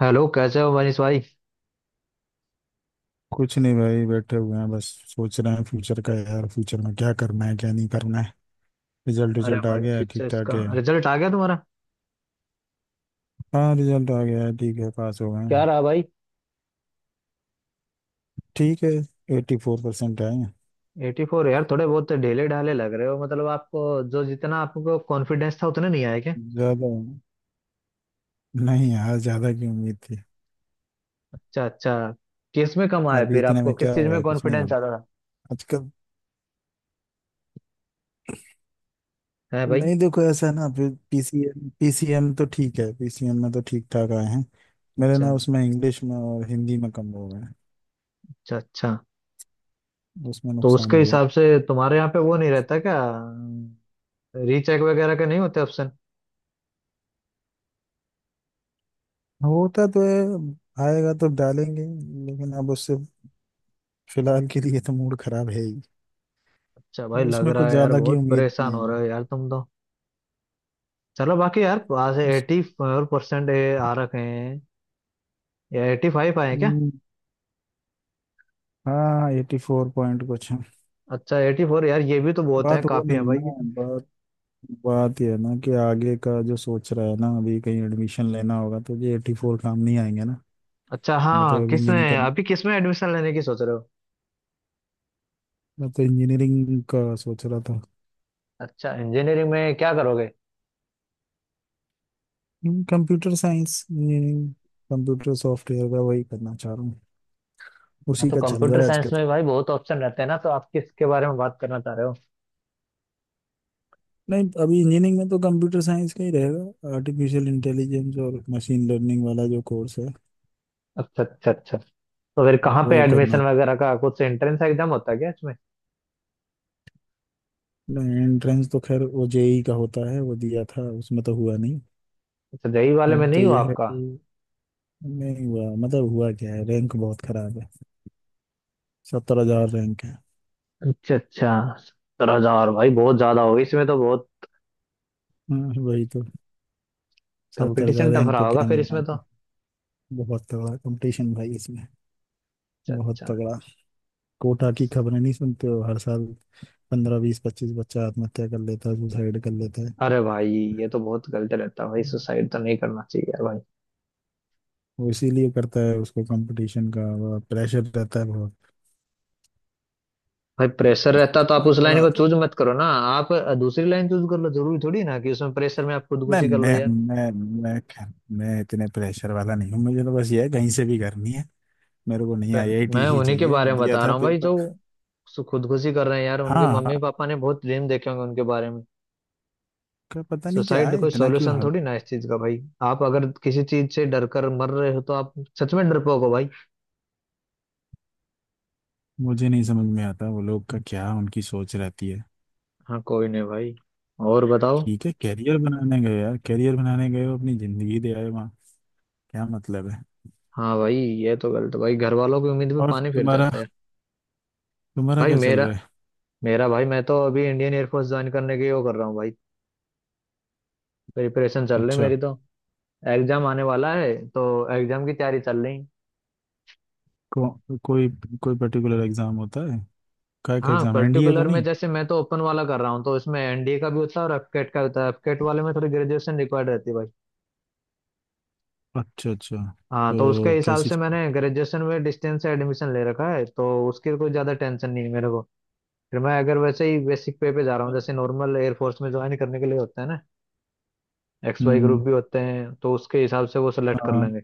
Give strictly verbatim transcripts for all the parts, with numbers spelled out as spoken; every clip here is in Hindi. हेलो कैसे हो मनीष भाई। कुछ नहीं भाई, बैठे हुए हैं, बस सोच रहे हैं फ्यूचर का यार। फ्यूचर में क्या करना है क्या नहीं करना है। रिजल्ट अरे रिजल्ट आ भाई गया है, फिर से ठीक ठाक इसका है। रिजल्ट आ गया तुम्हारा। हाँ, रिजल्ट आ गया है, ठीक है, पास हो गए क्या हैं। रहा भाई। ठीक है, एट्टी फोर परसेंट आए हैं। एटी फोर यार, थोड़े बहुत ढीले ढाले लग रहे हो मतलब आपको। जो जितना आपको कॉन्फिडेंस था उतना नहीं आया क्या। ज़्यादा नहीं यार, ज़्यादा की उम्मीद थी। अच्छा अच्छा। किस में कम आया अभी फिर इतने आपको, में किस क्या चीज हो रहा में है, कुछ नहीं हो कॉन्फिडेंस रहा ज्यादा आजकल। था है भाई। नहीं, देखो ऐसा है ना, फिर पीसीएम पीसीएम तो ठीक है, पीसीएम में तो ठीक ठाक आए हैं। मेरे अच्छा ना उसमें इंग्लिश में और हिंदी में कम हो गए हैं, अच्छा अच्छा। उसमें तो नुकसान उसके हुआ। हिसाब से तुम्हारे यहाँ पे वो नहीं रहता क्या, रीचेक वगैरह के नहीं होते ऑप्शन। होता तो है, आएगा तो डालेंगे ही, लेकिन अब उससे फिलहाल के लिए तो मूड खराब है ही। अच्छा भाई, लग उसमें रहा कुछ है यार ज्यादा की बहुत उम्मीद परेशान नहीं हो है। रहे हो यार तुम तो। चलो बाकी यार, आज उस, एटी फोर परसेंट आ रखे हैं या एटी फाइव आए हैं क्या। हम्म, हाँ, एटी फोर पॉइंट कुछ है। अच्छा एटी फोर यार, ये भी तो बहुत है, बात वो काफी है नहीं है भाई ना, ये तो। बात बात ये है ना कि आगे का जो सोच रहा है ना, अभी कहीं एडमिशन लेना होगा तो ये एटी फोर काम नहीं आएंगे ना। अच्छा मैं हाँ, तो अब इंजीनियरिंग का किसमें अभी, किसमें एडमिशन लेने की सोच रहे हो। मैं तो इंजीनियरिंग का सोच रहा था। अच्छा इंजीनियरिंग में क्या करोगे। Computer science engineering, computer software का वही करना चाह रहा हूँ, हाँ उसी तो का चल कंप्यूटर रहा है। साइंस में भाई बहुत ऑप्शन रहते हैं ना, तो आप किसके बारे में बात करना चाह रहे हो। नहीं, अभी इंजीनियरिंग में तो कंप्यूटर साइंस का ही रहेगा, आर्टिफिशियल इंटेलिजेंस और मशीन लर्निंग वाला जो कोर्स है अच्छा अच्छा अच्छा। तो फिर कहाँ पे वो करना। एडमिशन वगैरह का, कुछ एंट्रेंस एग्जाम होता है क्या इसमें। एंट्रेंस तो खैर वो जेई का होता है, वो दिया था, उसमें तो हुआ नहीं। अच्छा जेई वाले में अब तो नहीं हुआ ये है आपका। कि नहीं हुआ, मतलब हुआ क्या है, रैंक बहुत खराब है, सत्तर हजार रैंक है। अच्छा अच्छा। सत्रह हजार भाई बहुत ज्यादा होगी इसमें तो, बहुत हाँ, वही तो, सत्तर हजार कंपटीशन टफ रैंक रहा पे होगा क्या फिर मिलना इसमें तो। आपको। बहुत तगड़ा कंपटीशन भाई इसमें, अच्छा बहुत अच्छा। तगड़ा। कोटा की खबरें नहीं सुनते हो हर साल, पंद्रह बीस पच्चीस बच्चा आत्महत्या कर लेता है, सुसाइड कर लेता है। अरे भाई ये तो बहुत गलत रहता है भाई, सुसाइड तो नहीं करना चाहिए यार भाई। वो इसीलिए करता है, उसको कंपटीशन का प्रेशर रहता है बहुत। भाई प्रेशर रहता तो आप बड़ा उस लाइन बड़ा- को चूज मत करो ना, आप दूसरी लाइन चूज कर लो, जरूरी थोड़ी ना कि उसमें प्रेशर में आप नहीं, खुदकुशी कर लो मैं यार। मैं मैं खैर, मैं इतने प्रेशर वाला नहीं हूँ, मुझे तो बस ये है, कहीं से भी करनी है, मेरे को नहीं आईआईटी मैं ही उन्हीं के चाहिए, बारे में दिया बता था रहा हूँ भाई जो पेपर। सु- खुदकुशी कर रहे हैं यार, उनके हाँ हाँ, मम्मी पापा ने बहुत ड्रीम देखे होंगे उनके बारे में। का पता नहीं क्या सुसाइड है, कोई इतना क्यों सॉल्यूशन हग। थोड़ी ना है इस चीज का भाई। आप अगर किसी चीज से डर कर मर रहे हो तो आप सच में डरपोक हो भाई। मुझे नहीं समझ में आता वो लोग का क्या उनकी सोच रहती है। हाँ कोई नहीं भाई, और बताओ। ठीक है, कैरियर बनाने गए यार, कैरियर बनाने गए हो, अपनी जिंदगी दे आए वहाँ, क्या मतलब है। हाँ भाई, ये तो गलत भाई, घर वालों की उम्मीद पे और पानी फिर तुम्हारा, जाता है। तुम्हारा भाई क्या चल मेरा रहा है? मेरा भाई, मैं तो अभी इंडियन एयरफोर्स ज्वाइन करने के वो कर रहा हूँ भाई। प्रिपरेशन चल रही अच्छा, मेरी तो, एग्जाम आने वाला है, तो एग्जाम की तैयारी चल रही। को, कोई कोई पर्टिकुलर एग्जाम होता है, काय का हाँ एग्जाम, एनडीए तो पर्टिकुलर में नहीं? जैसे मैं तो ओपन वाला कर रहा हूँ, तो इसमें एनडीए का भी होता है और एफकेट का होता है, एफकेट वाले में थोड़ी ग्रेजुएशन रिक्वायर्ड रहती है भाई। अच्छा अच्छा, हाँ तो उसके तो हिसाब कैसी, से मैंने ग्रेजुएशन में डिस्टेंस से एडमिशन ले रखा है, तो उसकी कोई ज्यादा टेंशन नहीं है मेरे को। फिर मैं अगर वैसे ही बेसिक पे पे जा रहा हूँ जैसे नॉर्मल एयरफोर्स में ज्वाइन करने के लिए होता है ना, एक्स वाई ग्रुप हम्म, भी होते हैं, तो उसके हिसाब से वो सेलेक्ट कर हाँ। लेंगे।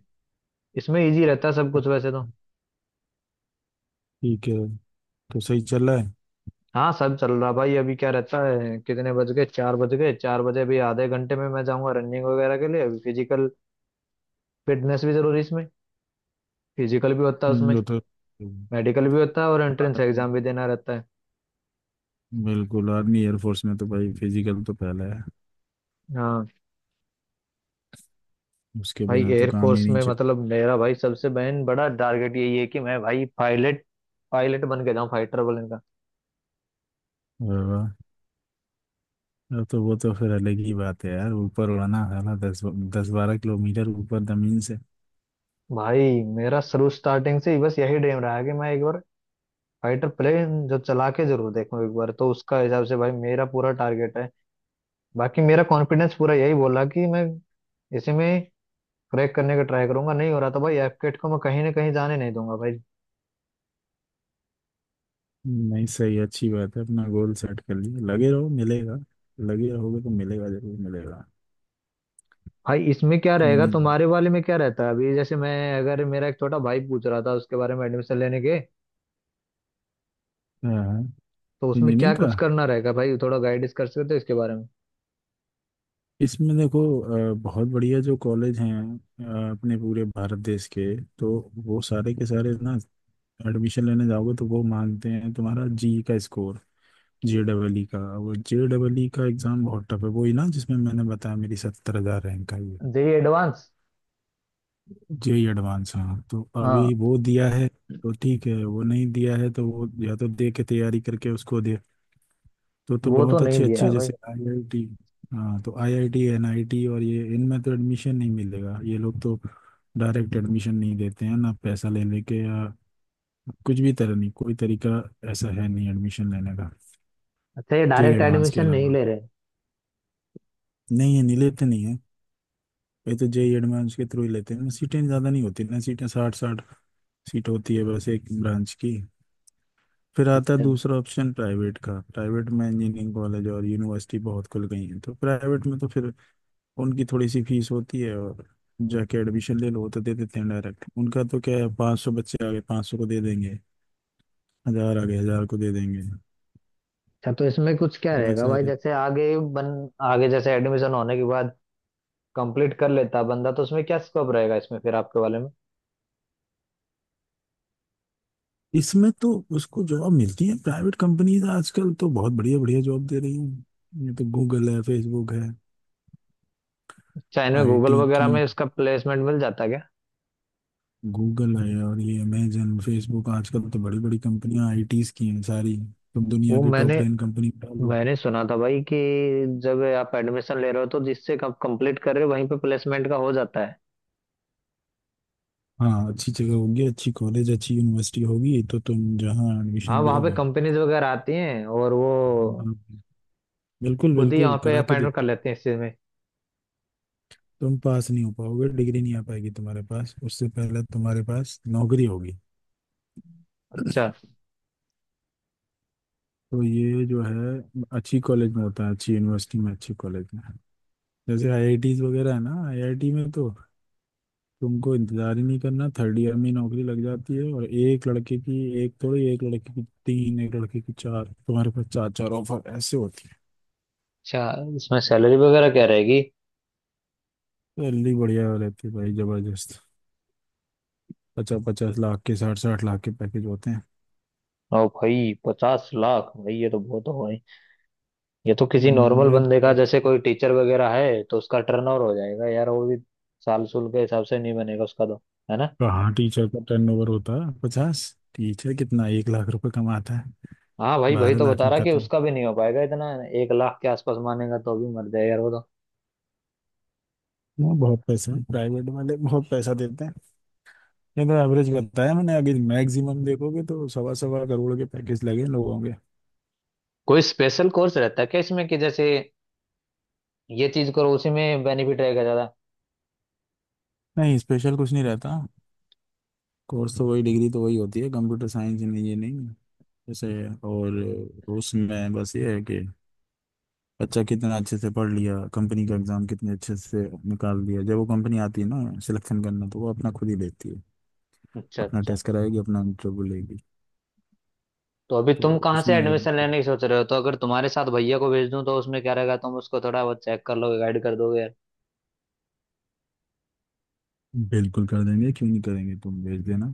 इसमें इजी रहता है सब कुछ वैसे तो। अच्छा, ठीक है, तो सही चल रहा है। हाँ सब चल रहा भाई, अभी क्या रहता है, कितने बज गए, चार बज गए, चार बजे अभी आधे घंटे में मैं जाऊंगा रनिंग वगैरह के लिए, अभी फिजिकल फिटनेस भी जरूरी है इसमें, फिजिकल भी होता है हम्म, उसमें, वो तो मेडिकल भी होता है और एंट्रेंस एग्जाम भी देना रहता है। बिल्कुल, आर्मी एयरफोर्स में तो भाई फिजिकल तो पहले है, हाँ उसके भाई बिना तो काम ही एयरफोर्स नहीं में चल। मतलब, मेरा भाई सबसे बहन बड़ा टारगेट यही है कि मैं भाई पायलट, पायलट बन के जाऊँ फाइटर प्लेन का। वाह, वाह। अब तो वो तो फिर अलग ही बात है यार, ऊपर उड़ना है ना, दस दस बारह किलोमीटर ऊपर जमीन से। भाई मेरा शुरू स्टार्टिंग से ही बस यही ड्रीम रहा है कि मैं एक बार फाइटर प्लेन जो चला के जरूर देखूं एक बार, तो उसका हिसाब से भाई मेरा पूरा टारगेट है। बाकी मेरा कॉन्फिडेंस पूरा यही बोला कि मैं इसी में क्रैक करने का ट्राई करूंगा, नहीं हो रहा था भाई, एफकेट को मैं कहीं ना कहीं जाने नहीं दूंगा भाई। नहीं, सही, अच्छी बात है, अपना गोल सेट कर लिया, लगे रहो मिलेगा, लगे रहोगे तो मिलेगा, जरूर मिलेगा। भाई इसमें क्या कहीं रहेगा नहीं, तुम्हारे वाले में, क्या रहता है अभी, जैसे मैं, अगर मेरा एक छोटा भाई पूछ रहा था उसके बारे में एडमिशन लेने के, हाँ, तो उसमें क्या इंजीनियरिंग का, कुछ करना रहेगा भाई, थोड़ा गाइडेंस कर सकते हो इसके बारे में। इसमें देखो, अ, बहुत बढ़िया जो कॉलेज हैं अ, अपने पूरे भारत देश के, तो वो सारे के सारे ना, एडमिशन लेने जाओगे तो वो मांगते हैं तुम्हारा जी का स्कोर, जे डबल ई का। वो जे डबल ई का एग्ज़ाम बहुत टफ है, वो ही ना जिसमें मैंने बताया मेरी सत्तर हज़ार रैंक आई है। जेई एडवांस, जे एडवांस, हाँ, तो अभी हाँ वो दिया है तो ठीक है। वो नहीं दिया है तो वो या तो दे के, तैयारी करके उसको दे, तो तो वो तो बहुत नहीं अच्छे दिया अच्छे है भाई। जैसे आईआईटी। हाँ तो आईआईटी, एनआईटी और ये इनमें तो एडमिशन नहीं मिलेगा, ये लोग तो डायरेक्ट एडमिशन नहीं देते हैं ना, पैसा ले लेके या कुछ भी तरह नहीं, कोई तरीका ऐसा है नहीं एडमिशन लेने का, अच्छा ये जेई डायरेक्ट एडवांस के एडमिशन नहीं अलावा ले रहे। नहीं, ये नहीं लेते नहीं है, ये तो जेई एडवांस के थ्रू ही लेते हैं। सीटें ज़्यादा नहीं होती ना, सीटें साठ साठ सीट होती है बस एक ब्रांच की। फिर आता है अच्छा दूसरा ऑप्शन, प्राइवेट का, प्राइवेट में इंजीनियरिंग कॉलेज और यूनिवर्सिटी बहुत खुल गई हैं, तो प्राइवेट में तो फिर उनकी थोड़ी सी फीस होती है, और जाके एडमिशन ले लो, वो तो दे देते हैं डायरेक्ट, उनका तो क्या है, पाँच सौ बच्चे आ गए पाँच सौ को दे देंगे, हजार आ गए हजार को दे देंगे। अच्छा। तो इसमें कुछ क्या रहेगा वैसा भाई रहे, जैसे आगे बन, आगे जैसे एडमिशन होने के बाद कंप्लीट कर लेता बंदा, तो उसमें क्या स्कोप रहेगा इसमें फिर आपके वाले में। इसमें तो उसको जॉब मिलती है, प्राइवेट कंपनीज आजकल तो बहुत बढ़िया बढ़िया जॉब दे रही हैं, ये तो गूगल है, फेसबुक है, चाइना में गूगल आईटी वगैरह की, में इसका प्लेसमेंट मिल जाता क्या। गूगल है और ये अमेजन, फेसबुक, आजकल तो बड़ी बड़ी कंपनियां आईटीज की हैं सारी, तुम दुनिया वो की मैंने टॉप टेन कंपनी में डालो। मैंने सुना था भाई कि जब आप एडमिशन ले रहे हो तो जिससे आप कंप्लीट कर रहे हो वहीं पे प्लेसमेंट का हो जाता है। हाँ, अच्छी जगह होगी, अच्छी कॉलेज, अच्छी यूनिवर्सिटी होगी तो तुम जहाँ हाँ एडमिशन वहाँ पे लोगे, कंपनीज वगैरह आती हैं और वो हाँ, बिल्कुल खुद ही बिल्कुल यहाँ पे करा के अपॉइंटमेंट कर देते, लेते हैं इस चीज में। तुम पास नहीं हो पाओगे, डिग्री नहीं आ पाएगी तुम्हारे पास, उससे पहले तुम्हारे पास नौकरी होगी। अच्छा तो ये जो है अच्छी कॉलेज में होता है, अच्छी यूनिवर्सिटी में, अच्छी कॉलेज में, जैसे आईआईटीज वगैरह है ना, आईआईटी में तो तुमको इंतजार ही नहीं करना, थर्ड ईयर में ही नौकरी लग जाती है, और एक लड़के की एक, थोड़ी एक लड़के की तीन, एक लड़के की चार, तुम्हारे पास चार चार ऑफर ऐसे होती है। अच्छा। इसमें सैलरी वगैरह क्या रहेगी। सैलरी बढ़िया रहती है भाई, जबरदस्त, पचास पचास लाख के, साठ साठ लाख के पैकेज होते हैं। ओ भाई पचास लाख, भाई ये तो बहुत हो, ये तो किसी हम्म, नॉर्मल अरे, बंदे का जैसे कोई टीचर वगैरह है तो उसका टर्न ओवर हो जाएगा यार वो भी, साल सुल के हिसाब से नहीं बनेगा उसका तो, है ना। कहाँ टीचर का टर्नओवर होता है पचास, टीचर कितना एक लाख रुपए कमाता है, हाँ भाई वही बारह तो लाख बता में रहा कि खत्म। उसका भी नहीं हो पाएगा इतना, एक लाख के आसपास मानेगा तो भी मर जाएगा यार वो तो। ना, बहुत पैसा है, प्राइवेट वाले बहुत पैसा देते हैं। ये तो एवरेज बताया मैंने, अभी मैक्सिमम देखोगे तो सवा सवा करोड़ के पैकेज लगे इन लोगों के। कोई स्पेशल कोर्स रहता है क्या इसमें कि जैसे ये चीज करो उसी में बेनिफिट रहेगा ज्यादा। नहीं, स्पेशल कुछ नहीं रहता, कोर्स तो वही, डिग्री तो वही होती है, कंप्यूटर साइंस, नहीं ये नहीं जैसे, और उसमें बस ये है कि बच्चा कितना अच्छे से पढ़ लिया, कंपनी का एग्जाम कितने अच्छे से निकाल दिया, जब वो कंपनी आती है ना सिलेक्शन करना तो वो अपना खुद ही देखती है, अच्छा अपना अच्छा। टेस्ट कराएगी, अपना इंटरव्यू लेगी। तो अभी तो तुम कहाँ से उसमें एडमिशन अगर- लेने की सोच रहे हो, तो अगर तुम्हारे साथ भैया को भेज दूं तो उसमें क्या रहेगा, तुम उसको थोड़ा बहुत चेक कर लोगे, गाइड कर दोगे यार। बिल्कुल कर देंगे, क्यों नहीं करेंगे, तुम भेज देना।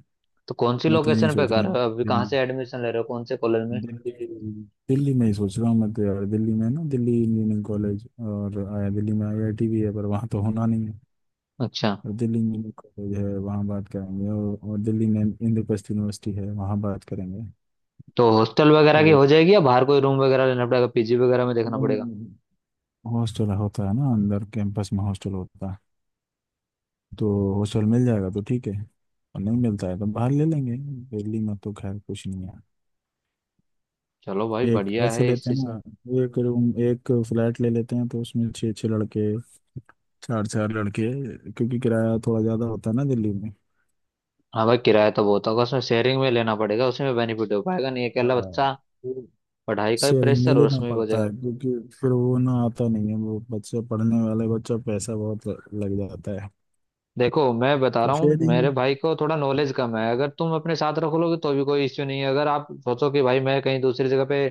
तो कौन सी मैं तो यही लोकेशन पे सोच कर रहा रहे हूँ हो अभी, कहाँ दिल्ली, से एडमिशन ले रहे हो कौन से कॉलेज में। दिल्ली दिल्ली में ही सोच रहा हूँ मैं तो यार, दिल्ली में ना, दिल्ली इंजीनियरिंग कॉलेज, और आया, दिल्ली में आईआईटी भी है पर वहाँ तो होना नहीं है, अच्छा और दिल्ली इंजीनियरिंग कॉलेज है वहाँ बात करेंगे, और, और दिल्ली में इंद्रप्रस्थ यूनिवर्सिटी है वहाँ बात करेंगे। तो हॉस्टल वगैरह की तो हो जाएगी या बाहर कोई रूम वगैरह लेना पड़ेगा, पीजी वगैरह में देखना नहीं, पड़ेगा। हॉस्टल होता है ना, अंदर कैंपस में हॉस्टल होता है, तो हॉस्टल मिल जाएगा तो ठीक है, और नहीं मिलता है तो बाहर ले लेंगे, दिल्ली में तो खैर कुछ नहीं है। चलो भाई एक बढ़िया ऐसे है इस लेते हैं चीज में। ना, एक रूम, एक फ्लैट ले लेते हैं तो उसमें छः छः लड़के, चार चार लड़के, क्योंकि किराया थोड़ा ज़्यादा होता है ना दिल्ली में। हाँ भाई किराया तो बहुत होगा उसमें, शेयरिंग में लेना पड़ेगा, उसमें बेनिफिट हो पाएगा नहीं अकेला हाँ, बच्चा, पढ़ाई का भी शेयरिंग नहीं प्रेशर और लेना उसमें भी हो पड़ता है, जाएगा। क्योंकि फिर वो ना आता नहीं है, वो बच्चे पढ़ने वाले बच्चा, पैसा बहुत लग जाता है देखो मैं बता तो रहा हूँ शेयरिंग। मेरे भाई को थोड़ा नॉलेज कम है, अगर तुम अपने साथ रख लोगे तो भी कोई इश्यू नहीं है, अगर आप सोचो कि भाई मैं कहीं दूसरी जगह पे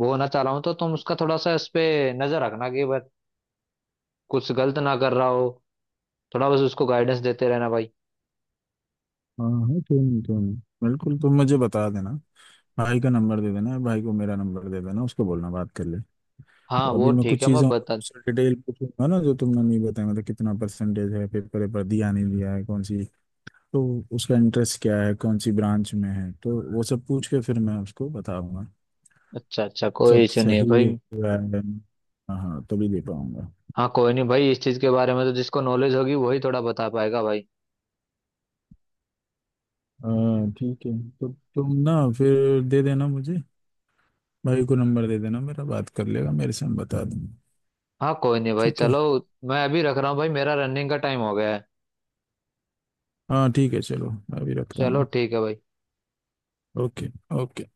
वो होना चाह रहा हूँ तो तुम उसका थोड़ा सा इस पे नजर रखना कि बस कुछ गलत ना कर रहा हो, थोड़ा बस उसको गाइडेंस देते रहना भाई। हाँ हाँ, क्यों नहीं क्यों नहीं, बिल्कुल, तुम मुझे बता देना, भाई का नंबर दे देना, भाई को मेरा नंबर दे देना, उसको बोलना बात कर ले। हाँ तो अभी वो मैं ठीक कुछ है मैं चीज़ों बता। डिटेल पूछूंगा ना जो तुमने नहीं बताया, मतलब कितना परसेंटेज है, पेपर पर दिया नहीं दिया है, कौन सी, तो उसका इंटरेस्ट क्या है, कौन सी ब्रांच में है, तो वो सब पूछ के फिर मैं उसको बताऊंगा, अच्छा अच्छा कोई सब इशू नहीं है सही भाई। हुआ है, हाँ हाँ, तभी दे पाऊंगा। हाँ कोई नहीं भाई, इस चीज के बारे में तो जिसको नॉलेज होगी वही थोड़ा बता पाएगा भाई। हाँ ठीक है, तो तुम ना फिर दे देना मुझे, भाई को नंबर दे देना मेरा, बात कर लेगा मेरे से, मैं बता दूंगा। हाँ कोई नहीं भाई ठीक है, चलो, मैं अभी रख रहा हूँ भाई, मेरा रनिंग का टाइम हो गया है, हाँ ठीक है, चलो, अभी रखता हूँ चलो ना। ठीक है भाई। ओके। ओके।